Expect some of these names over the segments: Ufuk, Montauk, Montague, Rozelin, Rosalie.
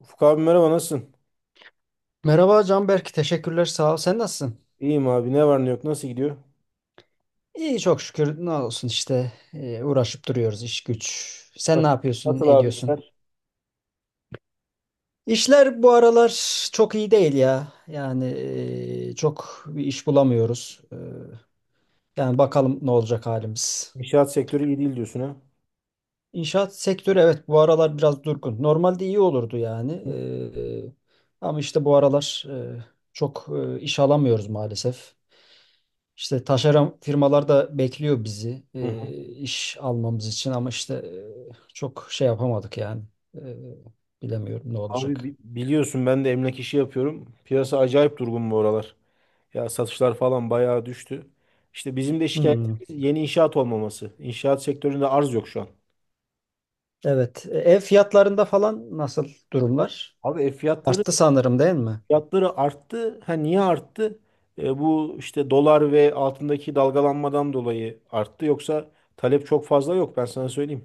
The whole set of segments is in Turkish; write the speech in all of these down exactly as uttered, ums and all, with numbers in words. Ufuk abi merhaba, nasılsın? Merhaba Canberk, teşekkürler sağ ol. Sen nasılsın? İyiyim abi, ne var ne yok, nasıl gidiyor? İyi çok şükür ne olsun işte e, uğraşıp duruyoruz iş güç. Sen ne Nasıl, yapıyorsun, nasıl ne abi ediyorsun? işler? İşler bu aralar çok iyi değil ya. Yani e, çok bir iş bulamıyoruz. E, yani bakalım ne olacak halimiz. İnşaat sektörü iyi değil diyorsun ha? İnşaat sektörü evet bu aralar biraz durgun. Normalde iyi olurdu yani. Hı E, ama işte bu aralar e, çok e, iş alamıyoruz maalesef. İşte taşeron firmalar da bekliyor bizi hı. e, iş almamız için ama işte e, çok şey yapamadık yani. E, Bilemiyorum ne Abi olacak. bi- biliyorsun, ben de emlak işi yapıyorum. Piyasa acayip durgun bu aralar. Ya satışlar falan bayağı düştü. İşte bizim de Hmm. şikayetimiz yeni inşaat olmaması. İnşaat sektöründe arz yok şu an. Evet. E, Ev fiyatlarında falan nasıl durumlar? Abi ev fiyatları Arttı sanırım değil mi? fiyatları arttı. Ha niye arttı? E, bu işte dolar ve altındaki dalgalanmadan dolayı arttı. Yoksa talep çok fazla yok, ben sana söyleyeyim.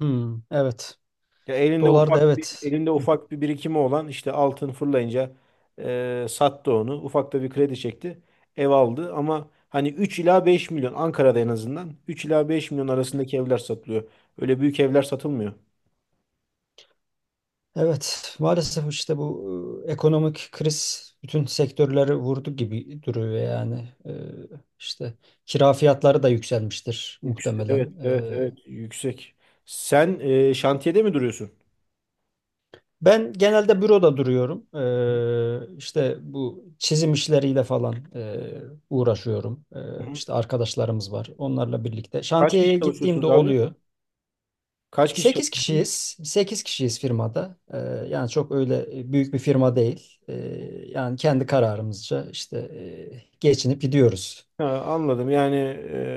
Hmm. Evet. Ya elinde Dolar da ufak bir evet. elinde Hı. ufak bir birikimi olan, işte altın fırlayınca e, sattı onu. Ufak da bir kredi çekti. Ev aldı ama hani üç ila beş milyon, Ankara'da en azından üç ila beş milyon arasındaki evler satılıyor. Öyle büyük evler satılmıyor. Evet. Maalesef işte bu e, ekonomik kriz bütün sektörleri vurdu gibi duruyor yani. E, işte kira fiyatları da yükselmiştir Yüksek. muhtemelen. Evet, evet, E, evet. Yüksek. Sen e, şantiyede mi duruyorsun? Ben genelde büroda duruyorum. Ee, işte bu çizim işleriyle falan e, uğraşıyorum. Ee, Hı hı. işte arkadaşlarımız var. Onlarla birlikte. Kaç kişi Şantiyeye gittiğimde çalışıyorsunuz abi? oluyor. Kaç kişi Sekiz çalışıyorsunuz? kişiyiz. sekiz kişiyiz firmada. Ee, yani çok öyle e, büyük bir firma değil. Ee, yani kendi kararımızca işte e, geçinip gidiyoruz. Ha, anladım. Yani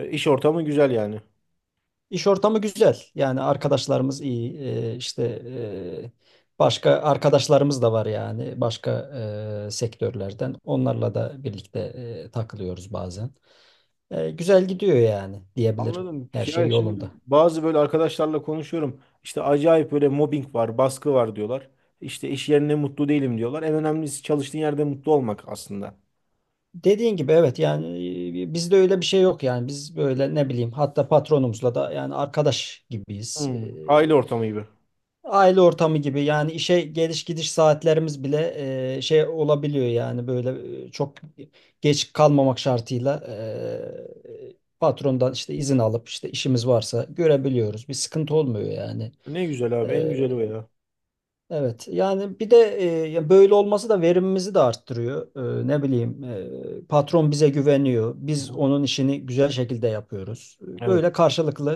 e, iş ortamı güzel yani. İş ortamı güzel. Yani arkadaşlarımız iyi. Ee, işte e, başka arkadaşlarımız da var yani başka e, sektörlerden. Onlarla da birlikte e, takılıyoruz bazen. E, güzel gidiyor yani diyebilirim. Anladım. Her şey Yani şimdi yolunda. bazı böyle arkadaşlarla konuşuyorum. İşte acayip böyle mobbing var, baskı var diyorlar. İşte iş yerinde mutlu değilim diyorlar. En önemlisi çalıştığın yerde mutlu olmak aslında. Dediğin gibi evet yani e, bizde öyle bir şey yok yani biz böyle ne bileyim hatta patronumuzla da yani arkadaş gibiyiz. E, Hmm, aile ortamı gibi. Aile ortamı gibi yani işe geliş gidiş saatlerimiz bile e, şey olabiliyor yani böyle e, çok geç kalmamak şartıyla e, patrondan işte izin alıp işte işimiz varsa görebiliyoruz. Bir sıkıntı olmuyor yani. Ne güzel abi, en güzeli o E, ya. evet yani bir de e, ya böyle olması da verimimizi de arttırıyor. E, ne bileyim e, patron bize güveniyor. Biz onun işini güzel şekilde yapıyoruz. Evet. Böyle karşılıklı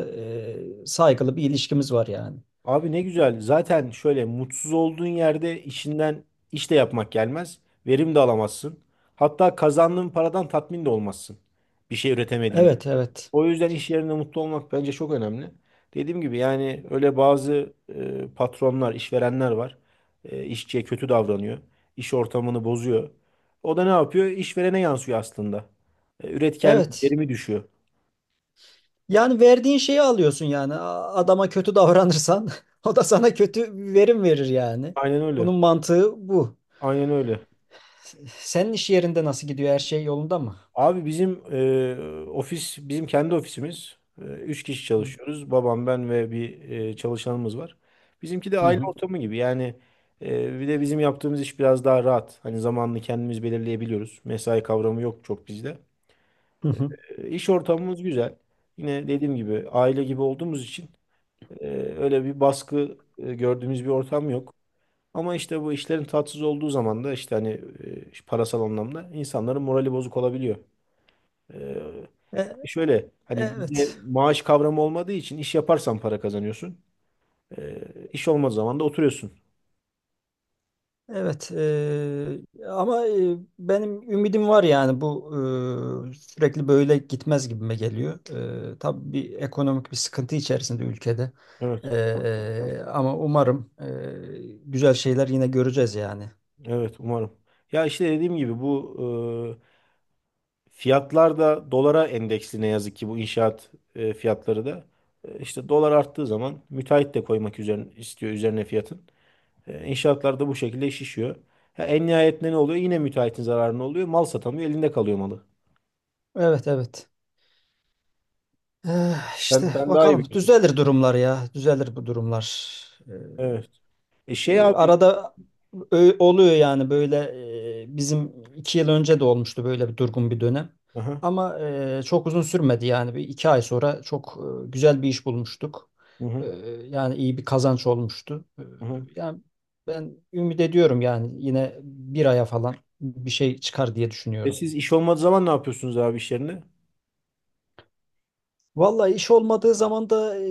e, saygılı bir ilişkimiz var yani. Abi ne güzel. Zaten şöyle mutsuz olduğun yerde işinden iş de yapmak gelmez. Verim de alamazsın. Hatta kazandığın paradan tatmin de olmazsın. Bir şey üretemediğini. Evet, evet. O yüzden iş yerinde mutlu olmak bence çok önemli. Dediğim gibi yani, öyle bazı e, patronlar, işverenler var. E, işçiye kötü davranıyor. İş ortamını bozuyor. O da ne yapıyor? İşverene yansıyor aslında. E, üretken Evet. verimi düşüyor. Yani verdiğin şeyi alıyorsun yani. A- Adama kötü davranırsan o da sana kötü verim verir yani. Aynen öyle. Bunun mantığı bu. Aynen öyle. Senin iş yerinde nasıl gidiyor? Her şey yolunda mı? Abi bizim e, ofis, bizim kendi ofisimiz. E, üç kişi Hı çalışıyoruz. Babam, ben ve bir e, çalışanımız var. Bizimki de hı. aile Hı. ortamı gibi. Yani e, bir de bizim yaptığımız iş biraz daha rahat. Hani zamanını kendimiz belirleyebiliyoruz. Mesai kavramı yok çok bizde. Hı hı. E, iş ortamımız güzel. Yine dediğim gibi aile gibi olduğumuz için e, öyle bir baskı e, gördüğümüz bir ortam yok. Ama işte bu işlerin tatsız olduğu zaman da işte hani e, parasal anlamda insanların morali bozuk olabiliyor. Ee, E- e, Şöyle, hani bizde evet. maaş kavramı olmadığı için, iş yaparsan para kazanıyorsun. Ee, iş olmadığı zaman da oturuyorsun. Evet. E, ama e, benim ümidim var yani bu e, sürekli böyle gitmez gibime geliyor. E, tabii bir ekonomik bir sıkıntı içerisinde ülkede. Evet, E, e, Ama umarım e, güzel şeyler yine göreceğiz yani. evet umarım. Ya işte dediğim gibi bu e, fiyatlar da dolara endeksli, ne yazık ki bu inşaat e, fiyatları da. E, işte dolar arttığı zaman müteahhit de koymak üzerine istiyor, üzerine fiyatın. E, inşaatlar da bu şekilde şişiyor. Ha, en nihayetinde ne oluyor? Yine müteahhitin zararına oluyor. Mal satamıyor, elinde kalıyor malı. Evet, evet. Eh, Sen, işte sen daha iyi bakalım biliyorsun. düzelir durumlar ya. Düzelir bu durumlar. Eh. Evet. E şey E, abi. Arada ö- oluyor yani böyle e, bizim iki yıl önce de olmuştu böyle bir durgun bir dönem. Aha, Ama e, çok uzun sürmedi yani bir iki ay sonra çok e, güzel bir iş bulmuştuk. hı E, hı. Yani iyi bir kazanç olmuştu. E, Hı hı. Yani ben ümit ediyorum yani yine bir aya falan bir şey çıkar diye E düşünüyorum. siz iş olmadığı zaman ne yapıyorsunuz abi iş yerine? Vallahi iş olmadığı zaman da e,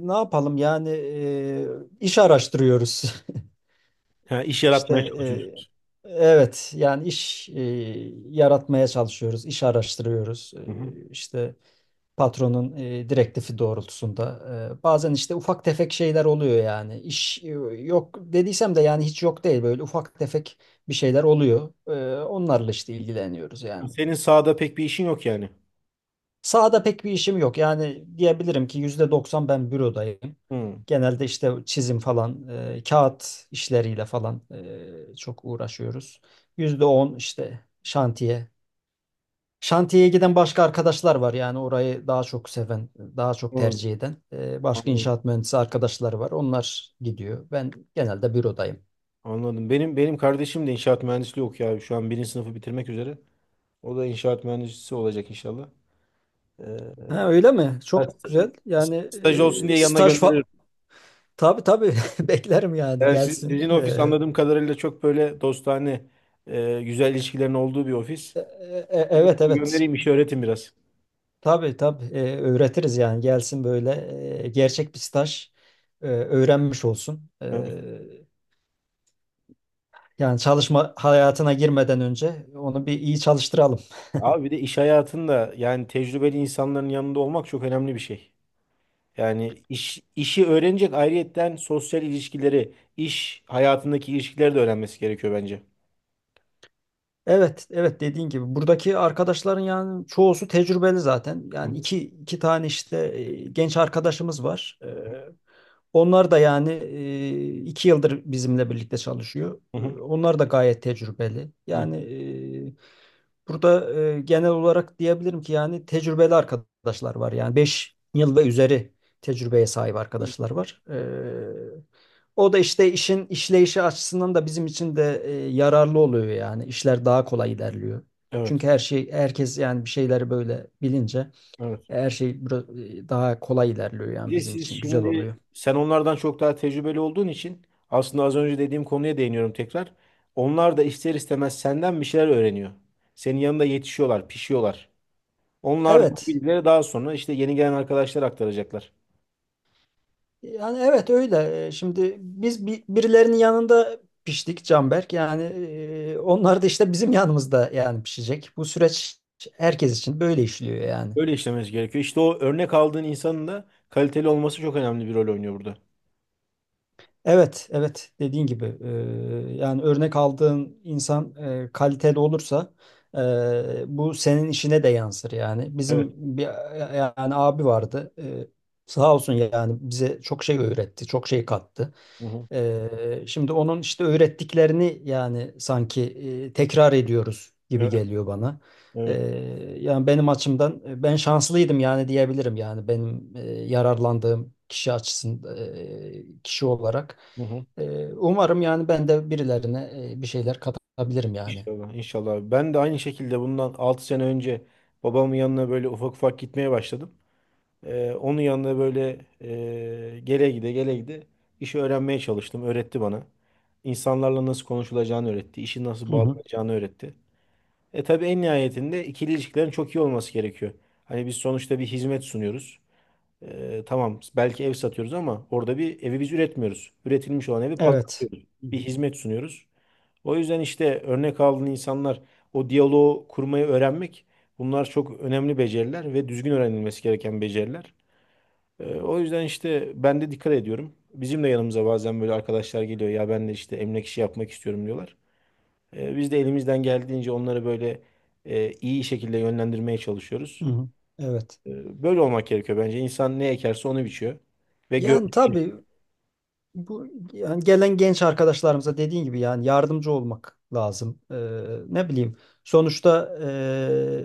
ne yapalım yani e, iş araştırıyoruz. Ha, iş İşte yaratmaya çalışıyorsunuz. e, evet yani iş e, yaratmaya çalışıyoruz, iş araştırıyoruz. Hı hı. E, işte patronun e, direktifi doğrultusunda. E, bazen işte ufak tefek şeyler oluyor yani. İş e, yok dediysem de yani hiç yok değil böyle ufak tefek bir şeyler oluyor. E, onlarla işte ilgileniyoruz yani. Senin sahada pek bir işin yok yani. Sahada pek bir işim yok. Yani diyebilirim ki yüzde doksan ben bürodayım. Hı. Genelde işte çizim falan, e, kağıt işleriyle falan e, çok uğraşıyoruz. Yüzde on işte şantiye. Şantiyeye giden başka arkadaşlar var yani orayı daha çok seven, daha çok Anladım. tercih eden. E, başka Anladım. inşaat mühendisi arkadaşlar var. Onlar gidiyor. Ben genelde bürodayım. Anladım. Benim benim kardeşim de inşaat mühendisliği okuyor abi. Şu an birinci sınıfı bitirmek üzere. O da inşaat mühendisi olacak inşallah. Ee, Ha, öyle mi? Ben Çok güzel. st- Yani staj olsun e, diye yanına staj gönderirim. fa- tabii, tabii beklerim yani Yani siz- gelsin. sizin ofis, E, anladığım kadarıyla, çok böyle dostane, e, güzel ilişkilerin olduğu bir ofis. E- e- e, Evet, evet, Göndereyim, işi öğretin biraz. tabii, tabii. E, öğretiriz yani gelsin böyle e, gerçek bir staj e, öğrenmiş olsun. Evet. E, yani çalışma hayatına girmeden önce onu bir iyi çalıştıralım. Abi bir de iş hayatında yani tecrübeli insanların yanında olmak çok önemli bir şey. Yani iş, işi öğrenecek, ayrıyetten sosyal ilişkileri, iş hayatındaki ilişkileri de öğrenmesi gerekiyor bence. Evet, evet dediğin gibi buradaki arkadaşların yani çoğusu tecrübeli zaten. Hı Yani hı, iki iki tane işte e, genç arkadaşımız var. E, Onlar da yani e, iki yıldır bizimle birlikte çalışıyor. hı E, hı, Onlar da gayet tecrübeli. Yani e, burada e, genel olarak diyebilirim ki yani tecrübeli arkadaşlar var. Yani beş yıl ve üzeri tecrübeye sahip arkadaşlar hı. var. E, o da işte işin işleyişi açısından da bizim için de e, yararlı oluyor yani. İşler daha kolay ilerliyor. Evet, Çünkü her şey herkes yani bir şeyleri böyle bilince evet. e, her şey bira- e, daha kolay ilerliyor yani Bir de bizim siz için güzel şimdi, oluyor. sen onlardan çok daha tecrübeli olduğun için, aslında az önce dediğim konuya değiniyorum tekrar. Onlar da ister istemez senden bir şeyler öğreniyor. Senin yanında yetişiyorlar, pişiyorlar. Onlar da bu Evet. bilgileri daha sonra işte yeni gelen arkadaşlar aktaracaklar. Yani evet öyle. E, Şimdi biz bi- birilerinin yanında piştik Canberk. Yani e, onlar da işte bizim yanımızda yani pişecek. Bu süreç herkes için böyle işliyor yani. Böyle işlemesi gerekiyor. İşte o örnek aldığın insanın da kaliteli olması çok önemli bir rol oynuyor burada. Evet, evet dediğin gibi e, yani örnek aldığın insan e, kaliteli olursa e, bu senin işine de yansır yani. Evet. Bizim bir yani abi vardı e, sağ olsun yani bize çok şey öğretti, çok şey kattı. Hı hı. Ee, şimdi onun işte öğrettiklerini yani sanki e, tekrar ediyoruz gibi Evet. geliyor bana. Ee, Evet. Yani benim açımdan e, ben şanslıydım yani diyebilirim yani benim e, yararlandığım kişi açısından e, kişi olarak. Hı hı. Ee, umarım yani ben de birilerine e, bir şeyler katabilirim yani. İnşallah. İnşallah. Ben de aynı şekilde bundan altı sene önce babamın yanına böyle ufak ufak gitmeye başladım. Ee, onun yanına böyle e, gele gide gele gide işi öğrenmeye çalıştım. Öğretti bana. İnsanlarla nasıl konuşulacağını öğretti. İşi nasıl Hı hı. bağlanacağını öğretti. E tabii, en nihayetinde ikili ilişkilerin çok iyi olması gerekiyor. Hani biz sonuçta bir hizmet sunuyoruz. Ee, tamam, belki ev satıyoruz ama orada bir evi biz üretmiyoruz. Üretilmiş olan evi Evet. pazarlıyoruz. Hı hı. Bir hizmet sunuyoruz. O yüzden işte örnek aldığın insanlar, o diyaloğu kurmayı öğrenmek, bunlar çok önemli beceriler ve düzgün öğrenilmesi gereken beceriler. Ee, o yüzden işte ben de dikkat ediyorum. Bizim de yanımıza bazen böyle arkadaşlar geliyor ya, ben de işte emlak işi yapmak istiyorum diyorlar. Ee, biz de elimizden geldiğince onları böyle e, iyi şekilde yönlendirmeye Hı çalışıyoruz. hı. Evet. E, Böyle olmak gerekiyor bence. İnsan ne ekerse onu biçiyor. Ve Yani gördüğü. tabii Bu yani gelen genç arkadaşlarımıza dediğin gibi yani yardımcı olmak lazım. Ee, ne bileyim sonuçta ee,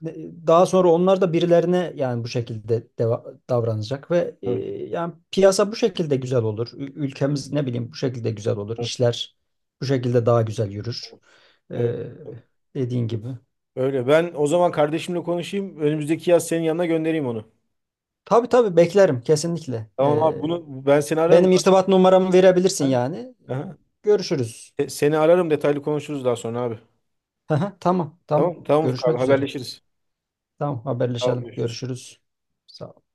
ne- daha sonra onlar da birilerine yani bu şekilde deva- davranacak ve ee, Evet, yani piyasa bu şekilde güzel olur. Ü- Ülkemiz ne bileyim bu şekilde güzel olur. evet, İşler bu şekilde daha güzel yürür. evet. Ee, Dediğin gibi. Öyle. Ben o zaman kardeşimle konuşayım. Önümüzdeki yaz senin yanına göndereyim onu. Tabii, tabii beklerim kesinlikle. Tamam Ee, abi, bunu ben seni ararım. Benim irtibat numaramı verebilirsin Ha? yani. Ee, Aha. Görüşürüz. Se- Seni ararım, detaylı konuşuruz daha sonra abi. Aha, tamam, tamam. Tamam tamam Ufuk abi, Görüşmek üzere. haberleşiriz. Tamam, Tamam haberleşelim. görüşürüz. Görüşürüz. Sağ ol.